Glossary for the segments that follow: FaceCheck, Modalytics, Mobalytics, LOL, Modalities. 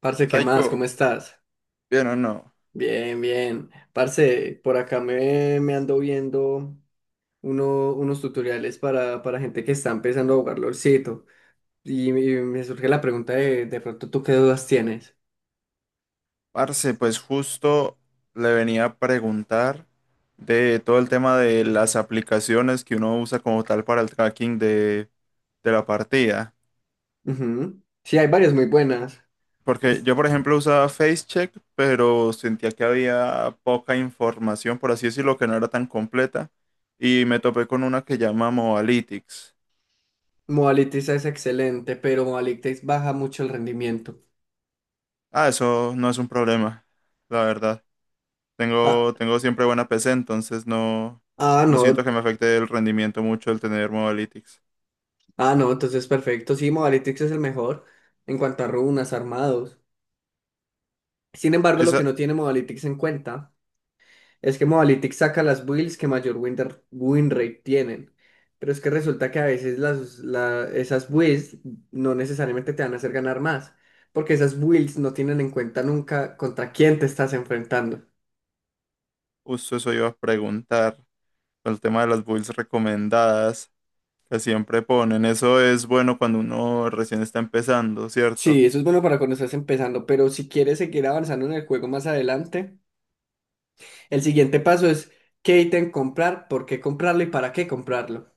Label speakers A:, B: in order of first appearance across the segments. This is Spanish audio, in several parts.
A: Parce, ¿qué más?
B: Psycho,
A: ¿Cómo estás?
B: bien o no.
A: Bien, bien. Parce, por acá me ando viendo unos tutoriales para gente que está empezando a jugar LOLcito. Y me surge la pregunta de pronto, ¿tú qué dudas tienes?
B: Parce, pues justo le venía a preguntar de todo el tema de las aplicaciones que uno usa como tal para el tracking de la partida.
A: Ujú. Sí, hay varias muy buenas.
B: Porque
A: Es-
B: yo, por ejemplo, usaba FaceCheck, pero sentía que había poca información, por así decirlo, que no era tan completa. Y me topé con una que llama Mobalytics.
A: Modalities es excelente, pero Modalities baja mucho el rendimiento.
B: Ah, eso no es un problema, la verdad.
A: Ah,
B: Tengo siempre buena PC, entonces no, no siento que
A: no.
B: me afecte el rendimiento mucho el tener Modalytics.
A: Ah, no, entonces perfecto. Sí, Modalities es el mejor en cuanto a runas, armados. Sin embargo, lo
B: Esa,
A: que no tiene Modalities en cuenta es que Modalytics saca las builds que mayor win rate tienen. Pero es que resulta que a veces esas builds no necesariamente te van a hacer ganar más. Porque esas builds no tienen en cuenta nunca contra quién te estás enfrentando.
B: justo eso iba a preguntar, con el tema de las builds recomendadas que siempre ponen. Eso es bueno cuando uno recién está empezando,
A: Sí,
B: ¿cierto?
A: eso es bueno para cuando estás empezando. Pero si quieres seguir avanzando en el juego más adelante, el siguiente paso es qué ítem comprar, por qué comprarlo y para qué comprarlo.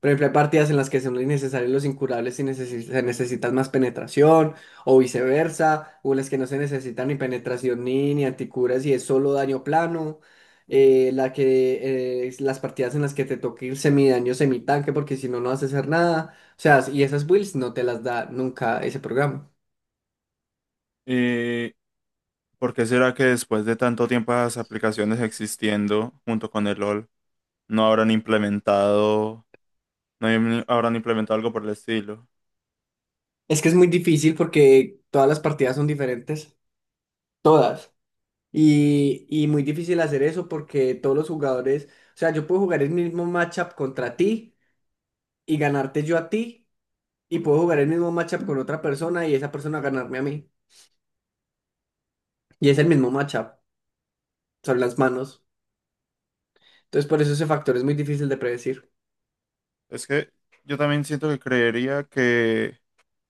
A: Por ejemplo, hay partidas en las que son innecesarios los incurables y se necesitan más penetración, o viceversa, o en las que no se necesita ni penetración ni anticuras y es solo daño plano. Es las partidas en las que te toca ir semidaño, semitanque, porque si no, no vas a hacer nada. O sea, y esas builds no te las da nunca ese programa.
B: ¿Y por qué será que después de tanto tiempo las aplicaciones existiendo junto con el LOL no habrán implementado, no habrán implementado algo por el estilo?
A: Es que es muy difícil porque todas las partidas son diferentes, todas. Y muy difícil hacer eso porque todos los jugadores, o sea, yo puedo jugar el mismo matchup contra ti y ganarte yo a ti y puedo jugar el mismo matchup con otra persona y esa persona ganarme a mí. Y es el mismo matchup, son las manos. Entonces por eso ese factor es muy difícil de predecir.
B: Es que yo también siento que creería que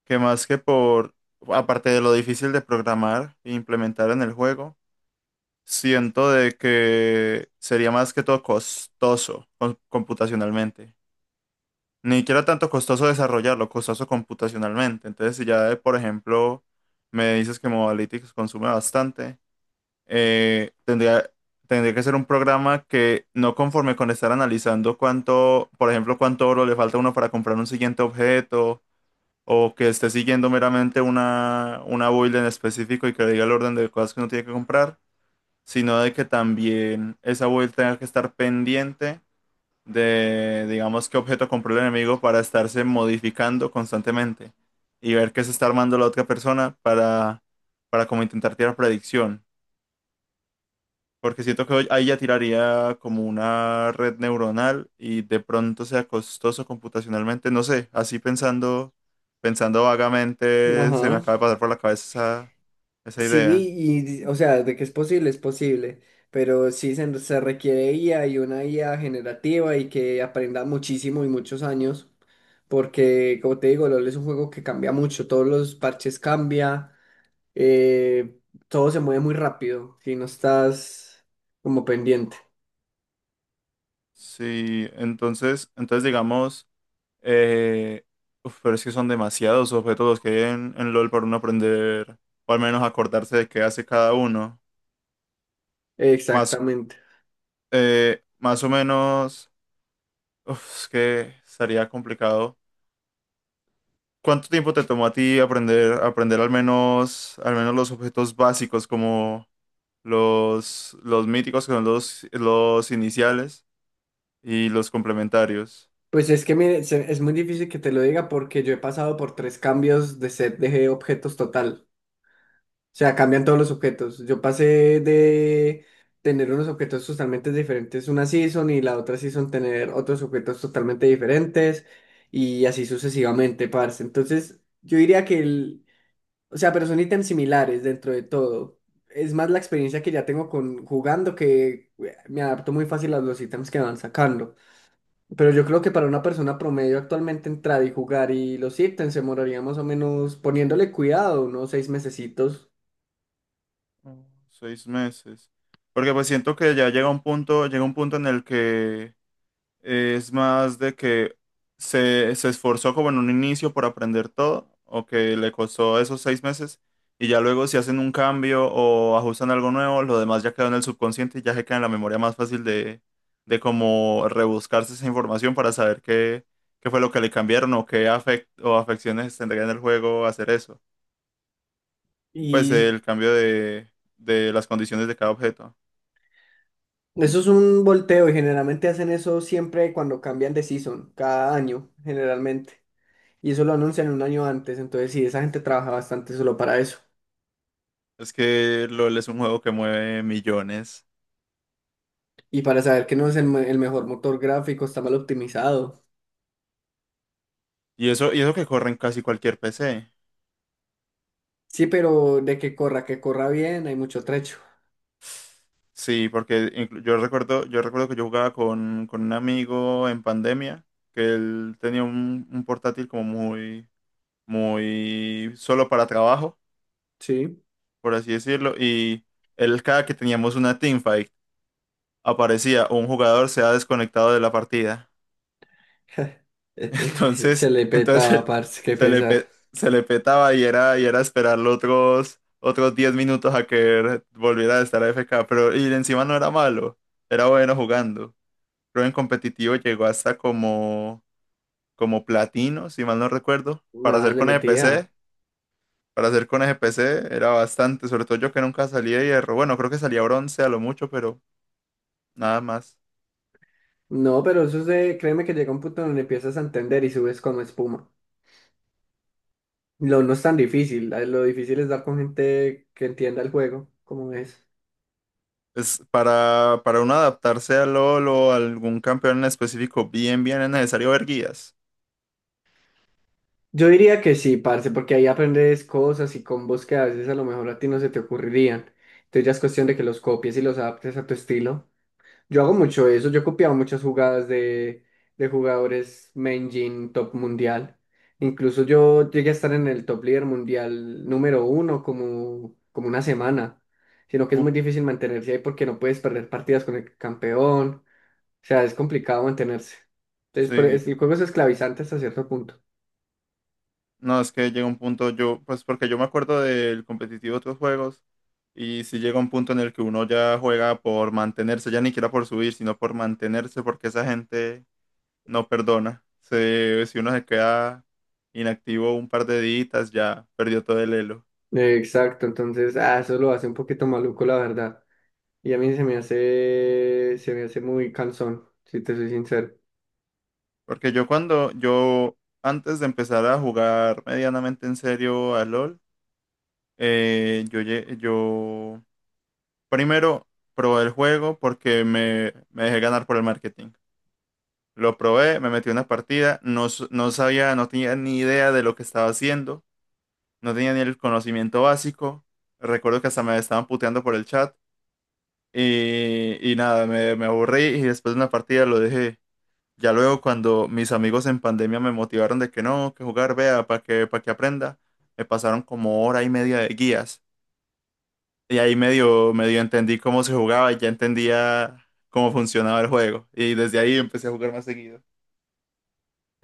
B: más que por, aparte de lo difícil de programar e implementar en el juego, siento de que sería más que todo costoso computacionalmente. Ni siquiera tanto costoso desarrollarlo, costoso computacionalmente. Entonces, si ya, por ejemplo, me dices que Modalytics consume bastante, eh, tendría, tendría que ser un programa que no conforme con estar analizando cuánto, por ejemplo, cuánto oro le falta a uno para comprar un siguiente objeto, o que esté siguiendo meramente una build en específico y que diga el orden de cosas que uno tiene que comprar, sino de que también esa build tenga que estar pendiente de, digamos, qué objeto compró el enemigo para estarse modificando constantemente y ver qué se está armando la otra persona para como intentar tirar predicción. Porque siento que ahí ya tiraría como una red neuronal y de pronto sea costoso computacionalmente, no sé, así pensando, pensando vagamente, se me
A: Ajá.
B: acaba de pasar por la cabeza esa, esa idea.
A: Sí, y o sea, de que es posible, pero sí se requiere IA y una IA generativa y que aprenda muchísimo y muchos años, porque como te digo, LOL es un juego que cambia mucho, todos los parches cambia, eh, todo se mueve muy rápido si no estás como pendiente.
B: Sí, entonces, entonces digamos, eh, uf, pero es que son demasiados objetos los que hay en LOL para uno aprender, o al menos acordarse de qué hace cada uno. Más,
A: Exactamente.
B: más o menos, uf, es que estaría complicado. ¿Cuánto tiempo te tomó a ti aprender, aprender al menos los objetos básicos como los míticos, que son los iniciales, y los complementarios?
A: Pues es que mire, es muy difícil que te lo diga porque yo he pasado por tres cambios de set de objetos total. O sea, cambian todos los objetos. Yo pasé de tener unos objetos totalmente diferentes una season y la otra season tener otros objetos totalmente diferentes y así sucesivamente, parce. Entonces, yo diría que o sea, pero son ítems similares dentro de todo. Es más la experiencia que ya tengo con jugando que me adapto muy fácil a los ítems que van sacando. Pero yo creo que para una persona promedio actualmente entrar y jugar y los ítems se demoraría más o menos poniéndole cuidado, unos 6 mesecitos.
B: Mm, 6 meses. Porque pues siento que ya llega un punto en el que es más de que se esforzó como en un inicio por aprender todo, o que le costó esos 6 meses, y ya luego si hacen un cambio o ajustan algo nuevo, lo demás ya quedó en el subconsciente y ya se queda en la memoria más fácil de como rebuscarse esa información para saber qué, qué fue lo que le cambiaron o o afecciones tendría en el juego hacer eso. Pues
A: Y
B: el cambio de las condiciones de cada objeto.
A: eso es un volteo y generalmente hacen eso siempre cuando cambian de season, cada año, generalmente. Y eso lo anuncian un año antes, entonces sí, esa gente trabaja bastante solo para eso.
B: Es que LOL es un juego que mueve millones.
A: Y para saber que no es el mejor motor gráfico, está mal optimizado.
B: Y eso que corre en casi cualquier PC.
A: Sí, pero de que corra bien, hay mucho trecho.
B: Sí, porque yo recuerdo que yo jugaba con un amigo en pandemia, que él tenía un portátil como muy, muy solo para trabajo,
A: Sí.
B: por así decirlo, y él cada que teníamos una teamfight, aparecía un jugador se ha desconectado de la partida.
A: Se
B: Entonces,
A: le petaba,
B: entonces
A: parce, qué pesar.
B: se le petaba y era esperarlo otros, otros 10 minutos a que volviera a estar AFK. Pero y encima no era malo, era bueno jugando. Creo en competitivo llegó hasta como, como platino, si mal no recuerdo. Para
A: Nada,
B: hacer
A: le
B: con
A: metía.
B: EPC, para hacer con EPC era bastante, sobre todo yo que nunca salía de hierro. Bueno, creo que salía bronce a lo mucho, pero nada más.
A: No, pero eso es de, créeme que llega un punto donde empiezas a entender y subes como espuma. Lo no es tan difícil, lo difícil es dar con gente que entienda el juego, como es.
B: Es para uno adaptarse al LoL o a algún campeón en específico, bien, bien es necesario ver guías.
A: Yo diría que sí, parce, porque ahí aprendes cosas y combos que a veces a lo mejor a ti no se te ocurrirían. Entonces ya es cuestión de que los copies y los adaptes a tu estilo. Yo hago mucho eso, yo he copiado muchas jugadas de jugadores main gen top mundial. Incluso yo llegué a estar en el top líder mundial número 1 como, como una semana, sino que es
B: Uf,
A: muy difícil mantenerse ahí porque no puedes perder partidas con el campeón, o sea, es complicado mantenerse. Entonces,
B: sí.
A: el juego es esclavizante hasta cierto punto.
B: No, es que llega un punto, yo, pues porque yo me acuerdo del competitivo de otros juegos, y si llega un punto en el que uno ya juega por mantenerse, ya ni siquiera por subir, sino por mantenerse, porque esa gente no perdona. Se, si uno se queda inactivo un par de días, ya perdió todo el elo.
A: Exacto, entonces, ah, eso lo hace un poquito maluco, la verdad. Y a mí se me hace muy cansón, si te soy sincero.
B: Porque yo cuando, yo antes de empezar a jugar medianamente en serio a LOL, yo primero, probé el juego porque me dejé ganar por el marketing. Lo probé, me metí una partida, no, no sabía, no tenía ni idea de lo que estaba haciendo, no tenía ni el conocimiento básico. Recuerdo que hasta me estaban puteando por el chat y nada, me aburrí y después de una partida lo dejé. Ya luego cuando mis amigos en pandemia me motivaron de que no, que jugar, vea, para que aprenda, me pasaron como hora y media de guías. Y ahí medio, medio entendí cómo se jugaba y ya entendía cómo funcionaba el juego. Y desde ahí empecé a jugar más seguido.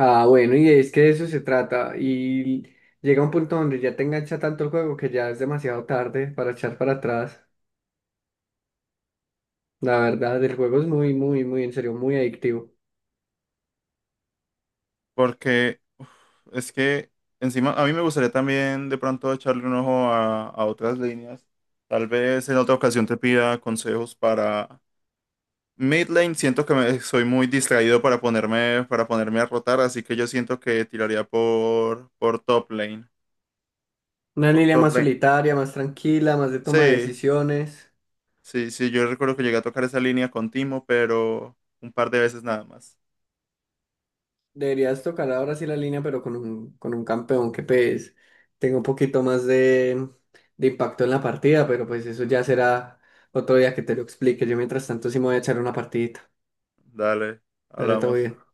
A: Ah, bueno, y es que de eso se trata. Y llega un punto donde ya te engancha tanto el juego que ya es demasiado tarde para echar para atrás. La verdad, el juego es en serio, muy adictivo.
B: Porque uf, es que encima a mí me gustaría también de pronto echarle un ojo a otras líneas. Tal vez en otra ocasión te pida consejos para mid lane. Siento que soy muy distraído para ponerme a rotar, así que yo siento que tiraría por top lane.
A: Una
B: Por
A: línea
B: top
A: más
B: lane.
A: solitaria, más tranquila, más de toma de
B: Sí.
A: decisiones.
B: Sí, sí, yo recuerdo que llegué a tocar esa línea con Timo, pero un par de veces nada más.
A: Deberías tocar ahora sí la línea, pero con con un campeón que pues tenga un poquito más de impacto en la partida, pero pues eso ya será otro día que te lo explique. Yo mientras tanto sí me voy a echar una partidita.
B: Dale,
A: Dale, todo
B: hablamos.
A: bien.